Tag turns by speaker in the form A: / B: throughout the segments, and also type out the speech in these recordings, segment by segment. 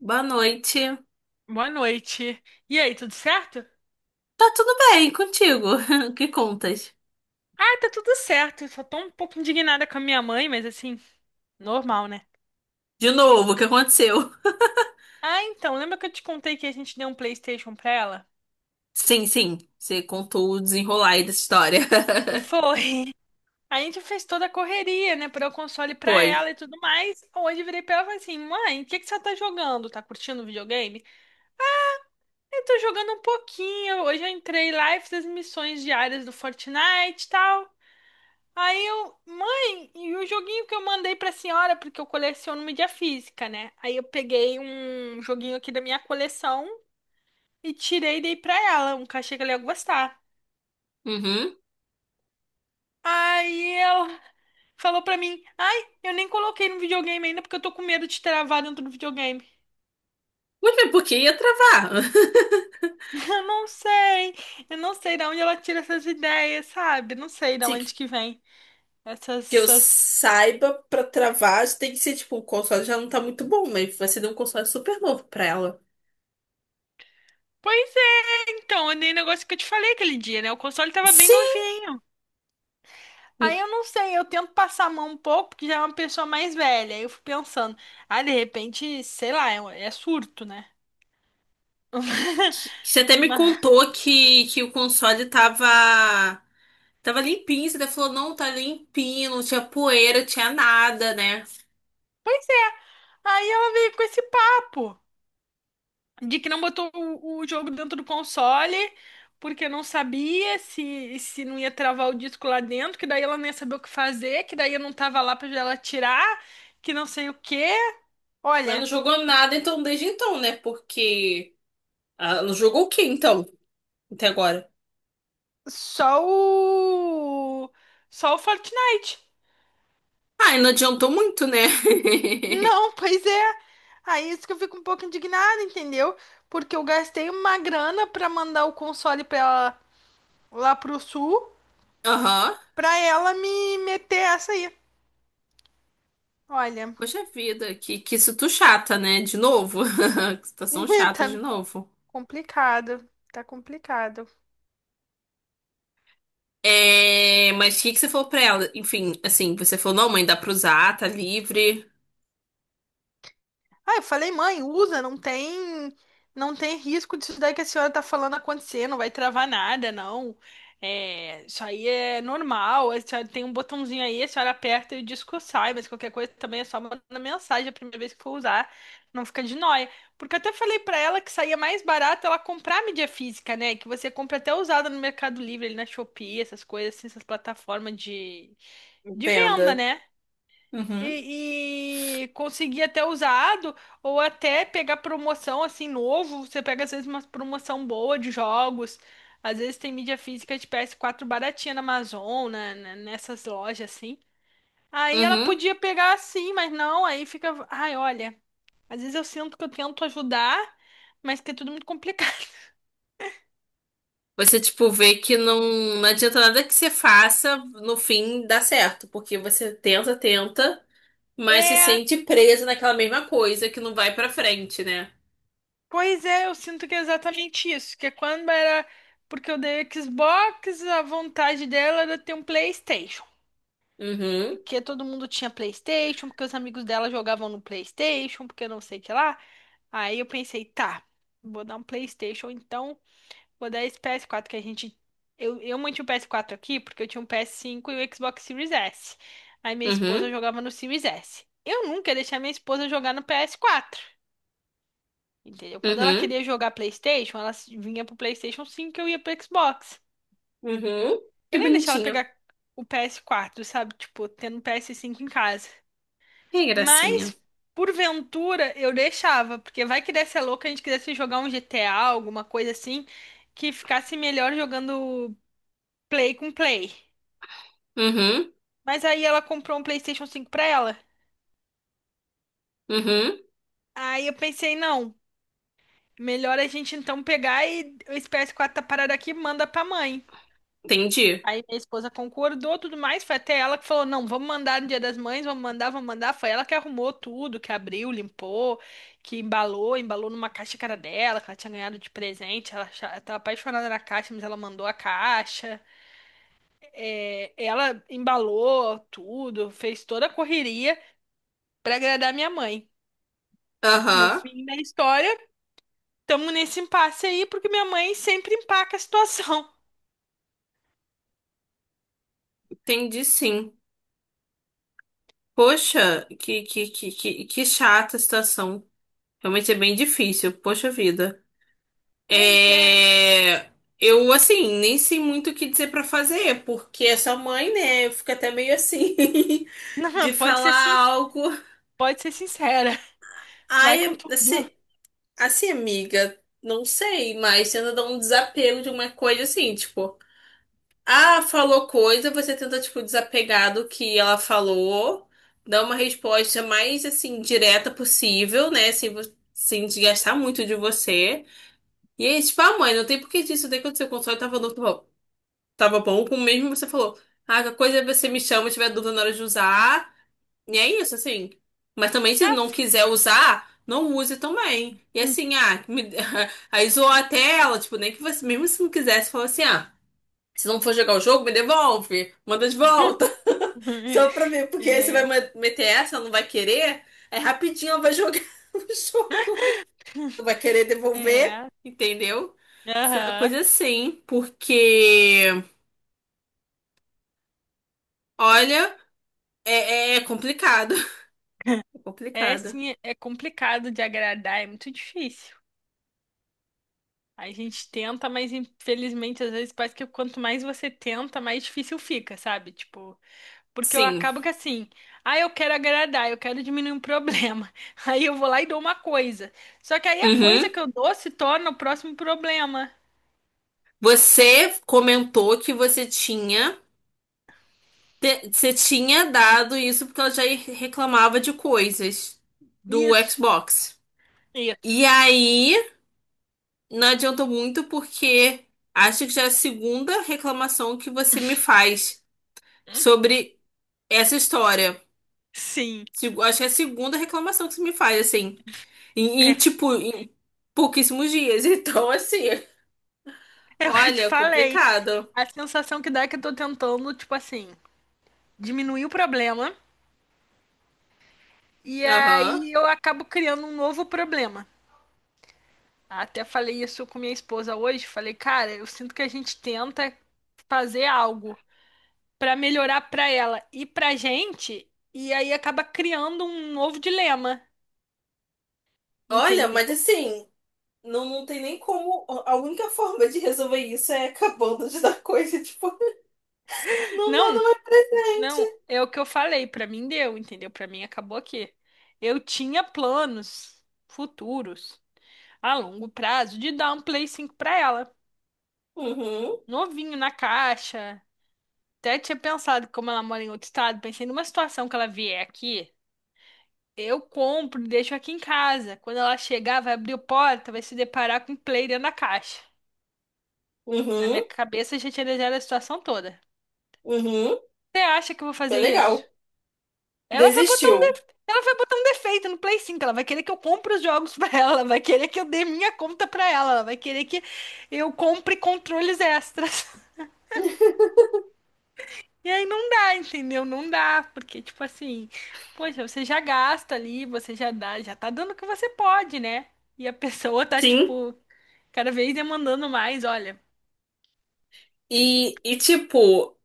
A: Boa noite.
B: Boa noite. E aí, tudo certo?
A: Tá tudo bem contigo? O que contas?
B: Ah, tá tudo certo. Só tô um pouco indignada com a minha mãe, mas assim, normal, né?
A: De novo, o que aconteceu?
B: Ah, então, lembra que eu te contei que a gente deu um PlayStation pra ela?
A: Sim. Você contou o desenrolar aí dessa história.
B: Foi. A gente fez toda a correria, né, pra dar o console pra
A: Foi.
B: ela e tudo mais. Hoje eu virei pra ela e falei assim: mãe, o que que você tá jogando? Tá curtindo o videogame? Eu tô jogando um pouquinho. Hoje eu entrei lá e fiz as missões diárias do Fortnite e tal. Aí eu, mãe, e o joguinho que eu mandei pra senhora, porque eu coleciono mídia física, né? Aí eu peguei um joguinho aqui da minha coleção e tirei e dei pra ela, um cachê que ela ia gostar.
A: Uhum.
B: Aí ela falou pra mim: ai, eu nem coloquei no videogame ainda porque eu tô com medo de travar dentro do videogame.
A: Muito bem, porque ia travar.
B: Eu não sei, eu não sei de onde ela tira essas ideias, sabe? Não sei de
A: Se
B: onde que vem essas,
A: que eu
B: essas...
A: saiba, pra travar, tem que ser tipo, o console já não tá muito bom, mas você deu um console super novo pra ela.
B: Pois é, então, é nem negócio que eu te falei aquele dia, né? O console tava bem
A: Sim!
B: novinho. Aí eu não sei, eu tento passar a mão um pouco, porque já é uma pessoa mais velha. Aí eu fico pensando, ah, de repente, sei lá, é, um, é surto, né?
A: Você até me
B: Mas-
A: contou que o console tava, tava limpinho. Você até falou, não, tá limpinho, não tinha poeira, não tinha nada, né?
B: Pois é. Aí ela veio com esse papo de que não botou o jogo dentro do console, porque não sabia se não ia travar o disco lá dentro, que daí ela não ia saber o que fazer, que daí eu não tava lá pra ela tirar, que não sei o quê.
A: Mas não
B: Olha,
A: jogou nada então desde então, né? Porque ah, não jogou o que então? Até agora.
B: só o. só o Fortnite.
A: Ah, e não adiantou muito, né?
B: Não, pois é. Aí é isso que eu fico um pouco indignada, entendeu? Porque eu gastei uma grana pra mandar o console pra ela lá pro sul,
A: Aham.
B: pra ela me meter essa aí. Olha,
A: Poxa vida, que isso tu chata, né? De novo. Que situação chata de
B: tá
A: novo.
B: complicado, tá complicado.
A: É, mas o que que você falou pra ela? Enfim, assim, você falou, não, mãe, dá pra usar, tá livre.
B: Ah, eu falei, mãe, usa, não tem risco disso daí que a senhora tá falando acontecer, não vai travar nada, não. É, isso aí é normal, a senhora tem um botãozinho aí, a senhora aperta e o disco sai, mas qualquer coisa também é só mandar mensagem a primeira vez que for usar, não fica de nóia. Porque eu até falei pra ela que saía mais barato ela comprar mídia física, né? Que você compra até usada no Mercado Livre, ali na Shopee, essas coisas assim, essas plataformas de venda,
A: Entenda.
B: né?
A: Uhum.
B: E conseguir até usado ou até pegar promoção assim novo. Você pega às vezes uma promoção boa de jogos. Às vezes tem mídia física de PS4 baratinha na Amazon, né, nessas lojas assim. Aí ela
A: Uhum.
B: podia pegar assim, mas não, aí fica, ai, olha, às vezes eu sinto que eu tento ajudar, mas que é tudo muito complicado.
A: Você, tipo, vê que não, não adianta nada que você faça, no fim dá certo. Porque você tenta, tenta. Mas se
B: É,
A: sente presa naquela mesma coisa que não vai pra frente, né?
B: pois é, eu sinto que é exatamente isso, que é quando era porque eu dei Xbox, a vontade dela era ter um PlayStation.
A: Uhum,
B: Que todo mundo tinha PlayStation, porque os amigos dela jogavam no PlayStation, porque não sei o que lá. Aí eu pensei, tá, vou dar um PlayStation, então vou dar esse PS4 que a gente. Eu mantive o PS4 aqui porque eu tinha um PS5 e o Xbox Series S. Aí minha esposa
A: uhum,
B: jogava no Series S. Eu nunca ia deixar minha esposa jogar no PS4, entendeu? Quando ela
A: uhum,
B: queria jogar PlayStation, ela vinha pro PlayStation 5 e eu ia pro Xbox.
A: uhum.
B: Eu
A: Que
B: nem ia deixar ela
A: bonitinho.
B: pegar o PS4, sabe? Tipo, tendo um PS5 em casa.
A: Que gracinha.
B: Mas, porventura, eu deixava, porque vai que desse a louca, a gente quisesse jogar um GTA, alguma coisa assim, que ficasse melhor jogando Play com Play.
A: Uhum,
B: Mas aí ela comprou um PlayStation 5 pra ela.
A: uhum.
B: Aí eu pensei, não, melhor a gente então pegar e esse PS4 tá parado aqui, manda pra mãe.
A: Entendi.
B: Aí minha esposa concordou, tudo mais. Foi até ela que falou: não, vamos mandar no Dia das Mães, vamos mandar, vamos mandar. Foi ela que arrumou tudo, que abriu, limpou, que embalou, numa caixa que era dela, que ela tinha ganhado de presente. Ela tava apaixonada na caixa, mas ela mandou a caixa. É, ela embalou tudo, fez toda a correria pra agradar minha mãe. No
A: Aham,
B: fim da história, estamos nesse impasse aí, porque minha mãe sempre empaca a situação.
A: entendi sim. Poxa, que chata a situação. Realmente é bem difícil. Poxa vida.
B: Mas é.
A: É... Eu, assim, nem sei muito o que dizer pra fazer, porque essa mãe, né, fica até meio assim,
B: Não,
A: de
B: pode ser,
A: falar
B: sin-
A: algo.
B: pode ser sincera. Vai com
A: Ai,
B: tudo.
A: assim. Assim, amiga, não sei, mas tenta dar um desapego de uma coisa assim, tipo, ah, falou coisa, você tenta, tipo, desapegar do que ela falou, dar uma resposta mais, assim, direta possível, né, sem, sem desgastar muito de você. E aí, tipo, ah, mãe, não tem por que disso daí acontecer, o console tava, tava bom, como mesmo você falou. Ah, a coisa é você me chama, se tiver dúvida na hora de usar. E é isso, assim. Mas também, se não
B: Ah,
A: quiser usar, não use também. E assim, ah, me... aí zoou a tela, tipo, nem que você, mesmo se não quisesse, falou assim, ah, se não for jogar o jogo, me devolve, manda de volta. Só pra ver porque aí você vai
B: é,
A: meter essa, não vai querer, aí rapidinho ela vai jogar o jogo. Não vai querer devolver,
B: é,
A: entendeu? Essa
B: aham.
A: coisa assim, porque, olha, é complicado. É
B: É
A: complicado.
B: sim, é complicado de agradar, é muito difícil. A gente tenta, mas infelizmente às vezes parece que quanto mais você tenta, mais difícil fica, sabe? Tipo, porque eu
A: Sim.
B: acabo que assim, ah, eu quero agradar, eu quero diminuir um problema. Aí eu vou lá e dou uma coisa. Só que aí a coisa
A: Uhum.
B: que eu dou se torna o próximo problema.
A: Você comentou que você tinha, você tinha dado isso porque ela já reclamava de coisas do
B: Isso,
A: Xbox.
B: isso.
A: E aí, não adiantou muito porque acho que já é a segunda reclamação que você me faz
B: Hum,
A: sobre essa história.
B: sim,
A: Acho que é a segunda reclamação que você me faz, assim, em,
B: é,
A: tipo, em pouquíssimos dias. Então, assim,
B: é o que eu te
A: olha,
B: falei.
A: complicado.
B: A sensação que dá é que eu tô tentando, tipo assim, diminuir o problema e
A: Aham.
B: aí eu acabo criando um novo problema. Até falei isso com minha esposa hoje, falei, cara, eu sinto que a gente tenta fazer algo pra melhorar pra ela e pra gente e aí acaba criando um novo dilema,
A: Olha, mas
B: entendeu?
A: assim. Não, não tem nem como. A única forma de resolver isso é acabando de dar coisa. Tipo, não dá
B: Não,
A: doente.
B: não, é o que eu falei, pra mim deu, entendeu? Pra mim acabou aqui. Eu tinha planos futuros a longo prazo de dar um Play 5 pra ela,
A: Uhum,
B: novinho na caixa. Até tinha pensado, como ela mora em outro estado, pensei numa situação que ela vier aqui, eu compro e deixo aqui em casa. Quando ela chegar, vai abrir a porta, vai se deparar com o play dentro da caixa. Na minha
A: uhum,
B: cabeça já tinha desenhado a situação toda.
A: uhum.
B: Você acha que eu vou
A: É
B: fazer
A: legal.
B: isso? Ela vai botar um de...
A: Desistiu.
B: ela vai botar um defeito no Play 5. Ela vai querer que eu compre os jogos pra ela, ela vai querer que eu dê minha conta pra ela, ela vai querer que eu compre controles extras. E aí não dá, entendeu? Não dá, porque, tipo assim, poxa, você já gasta ali, você já dá, já tá dando o que você pode, né? E a pessoa tá,
A: Sim,
B: tipo, cada vez demandando mais, olha.
A: e tipo,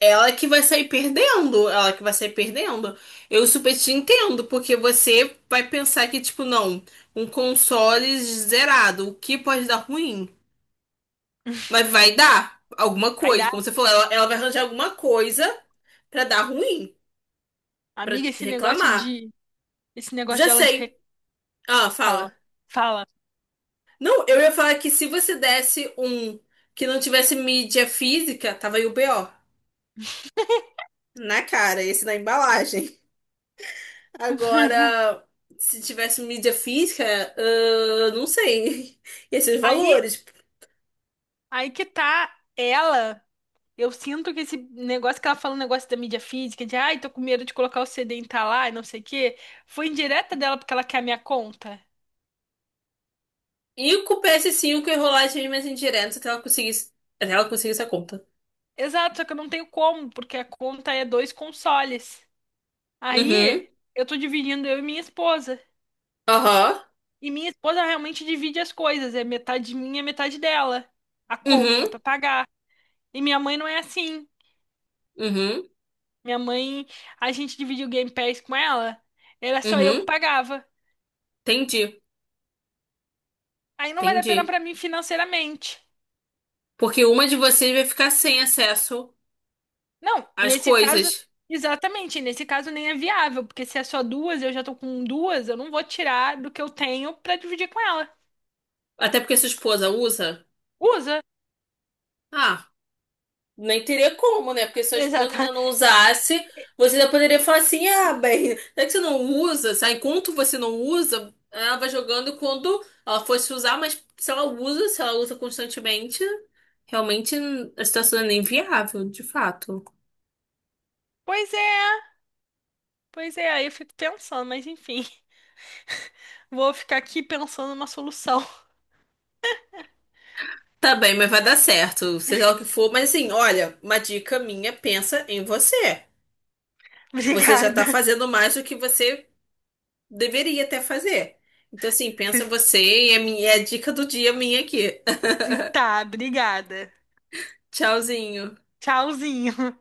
A: ela que vai sair perdendo, ela que vai sair perdendo. Eu super te entendo, porque você vai pensar que, tipo, não, um console zerado, o que pode dar ruim? Mas vai dar alguma
B: Aí
A: coisa,
B: dá,
A: como você falou, ela vai arranjar alguma coisa pra dar ruim. Pra
B: amiga, esse negócio
A: reclamar.
B: de, esse negócio
A: Já
B: dela
A: sei. Ah,
B: fala,
A: fala.
B: fala.
A: Não, eu ia falar que se você desse um que não tivesse mídia física, tava aí o BO. Na cara, esse na embalagem. Agora, se tivesse mídia física, ah, não sei. Ia ser os
B: Aí,
A: valores.
B: aí que tá ela. Eu sinto que esse negócio que ela fala, o negócio da mídia física, de ai, tô com medo de colocar o CD em tal lá e não sei o quê, foi indireta dela porque ela quer a minha conta.
A: E com o PS5 ia rolar as mesmas indiretas até ela conseguisse a conta.
B: Exato, só que eu não tenho como, porque a conta é dois consoles.
A: Uhum.
B: Aí eu tô dividindo eu e minha esposa.
A: Aham.
B: E minha esposa realmente divide as coisas, é metade minha, metade dela. A conta
A: Uhum.
B: pra pagar. E minha mãe não é assim.
A: Uhum.
B: Minha mãe, a gente dividiu o Game Pass com ela, era só eu que
A: Uhum.
B: pagava.
A: Entendi.
B: Aí não vale a
A: Entendi.
B: pena pra mim financeiramente.
A: Porque uma de vocês vai ficar sem acesso
B: Não,
A: as
B: nesse caso,
A: coisas.
B: exatamente, nesse caso nem é viável, porque se é só duas, eu já tô com duas, eu não vou tirar do que eu tenho pra dividir com ela.
A: Até porque sua esposa usa.
B: Usa.
A: Ah, nem teria como, né? Porque se a esposa ainda
B: Exatamente.
A: não usasse, você ainda poderia falar assim: ah, bem, não é que você não usa, sabe? Enquanto você não usa, ela vai jogando e quando ela fosse usar, mas se ela usa, se ela usa constantemente, realmente a situação é inviável, de fato.
B: Pois é, pois é, aí eu fico pensando, mas enfim, vou ficar aqui pensando numa solução.
A: Tá bem, mas vai dar certo, seja lá o que for. Mas assim, olha, uma dica minha, pensa em você. Você já tá
B: Obrigada.
A: fazendo mais do que você deveria até fazer. Então, assim, pensa você e a minha, é a dica do dia minha aqui.
B: Tá, obrigada.
A: Tchauzinho.
B: Tchauzinho.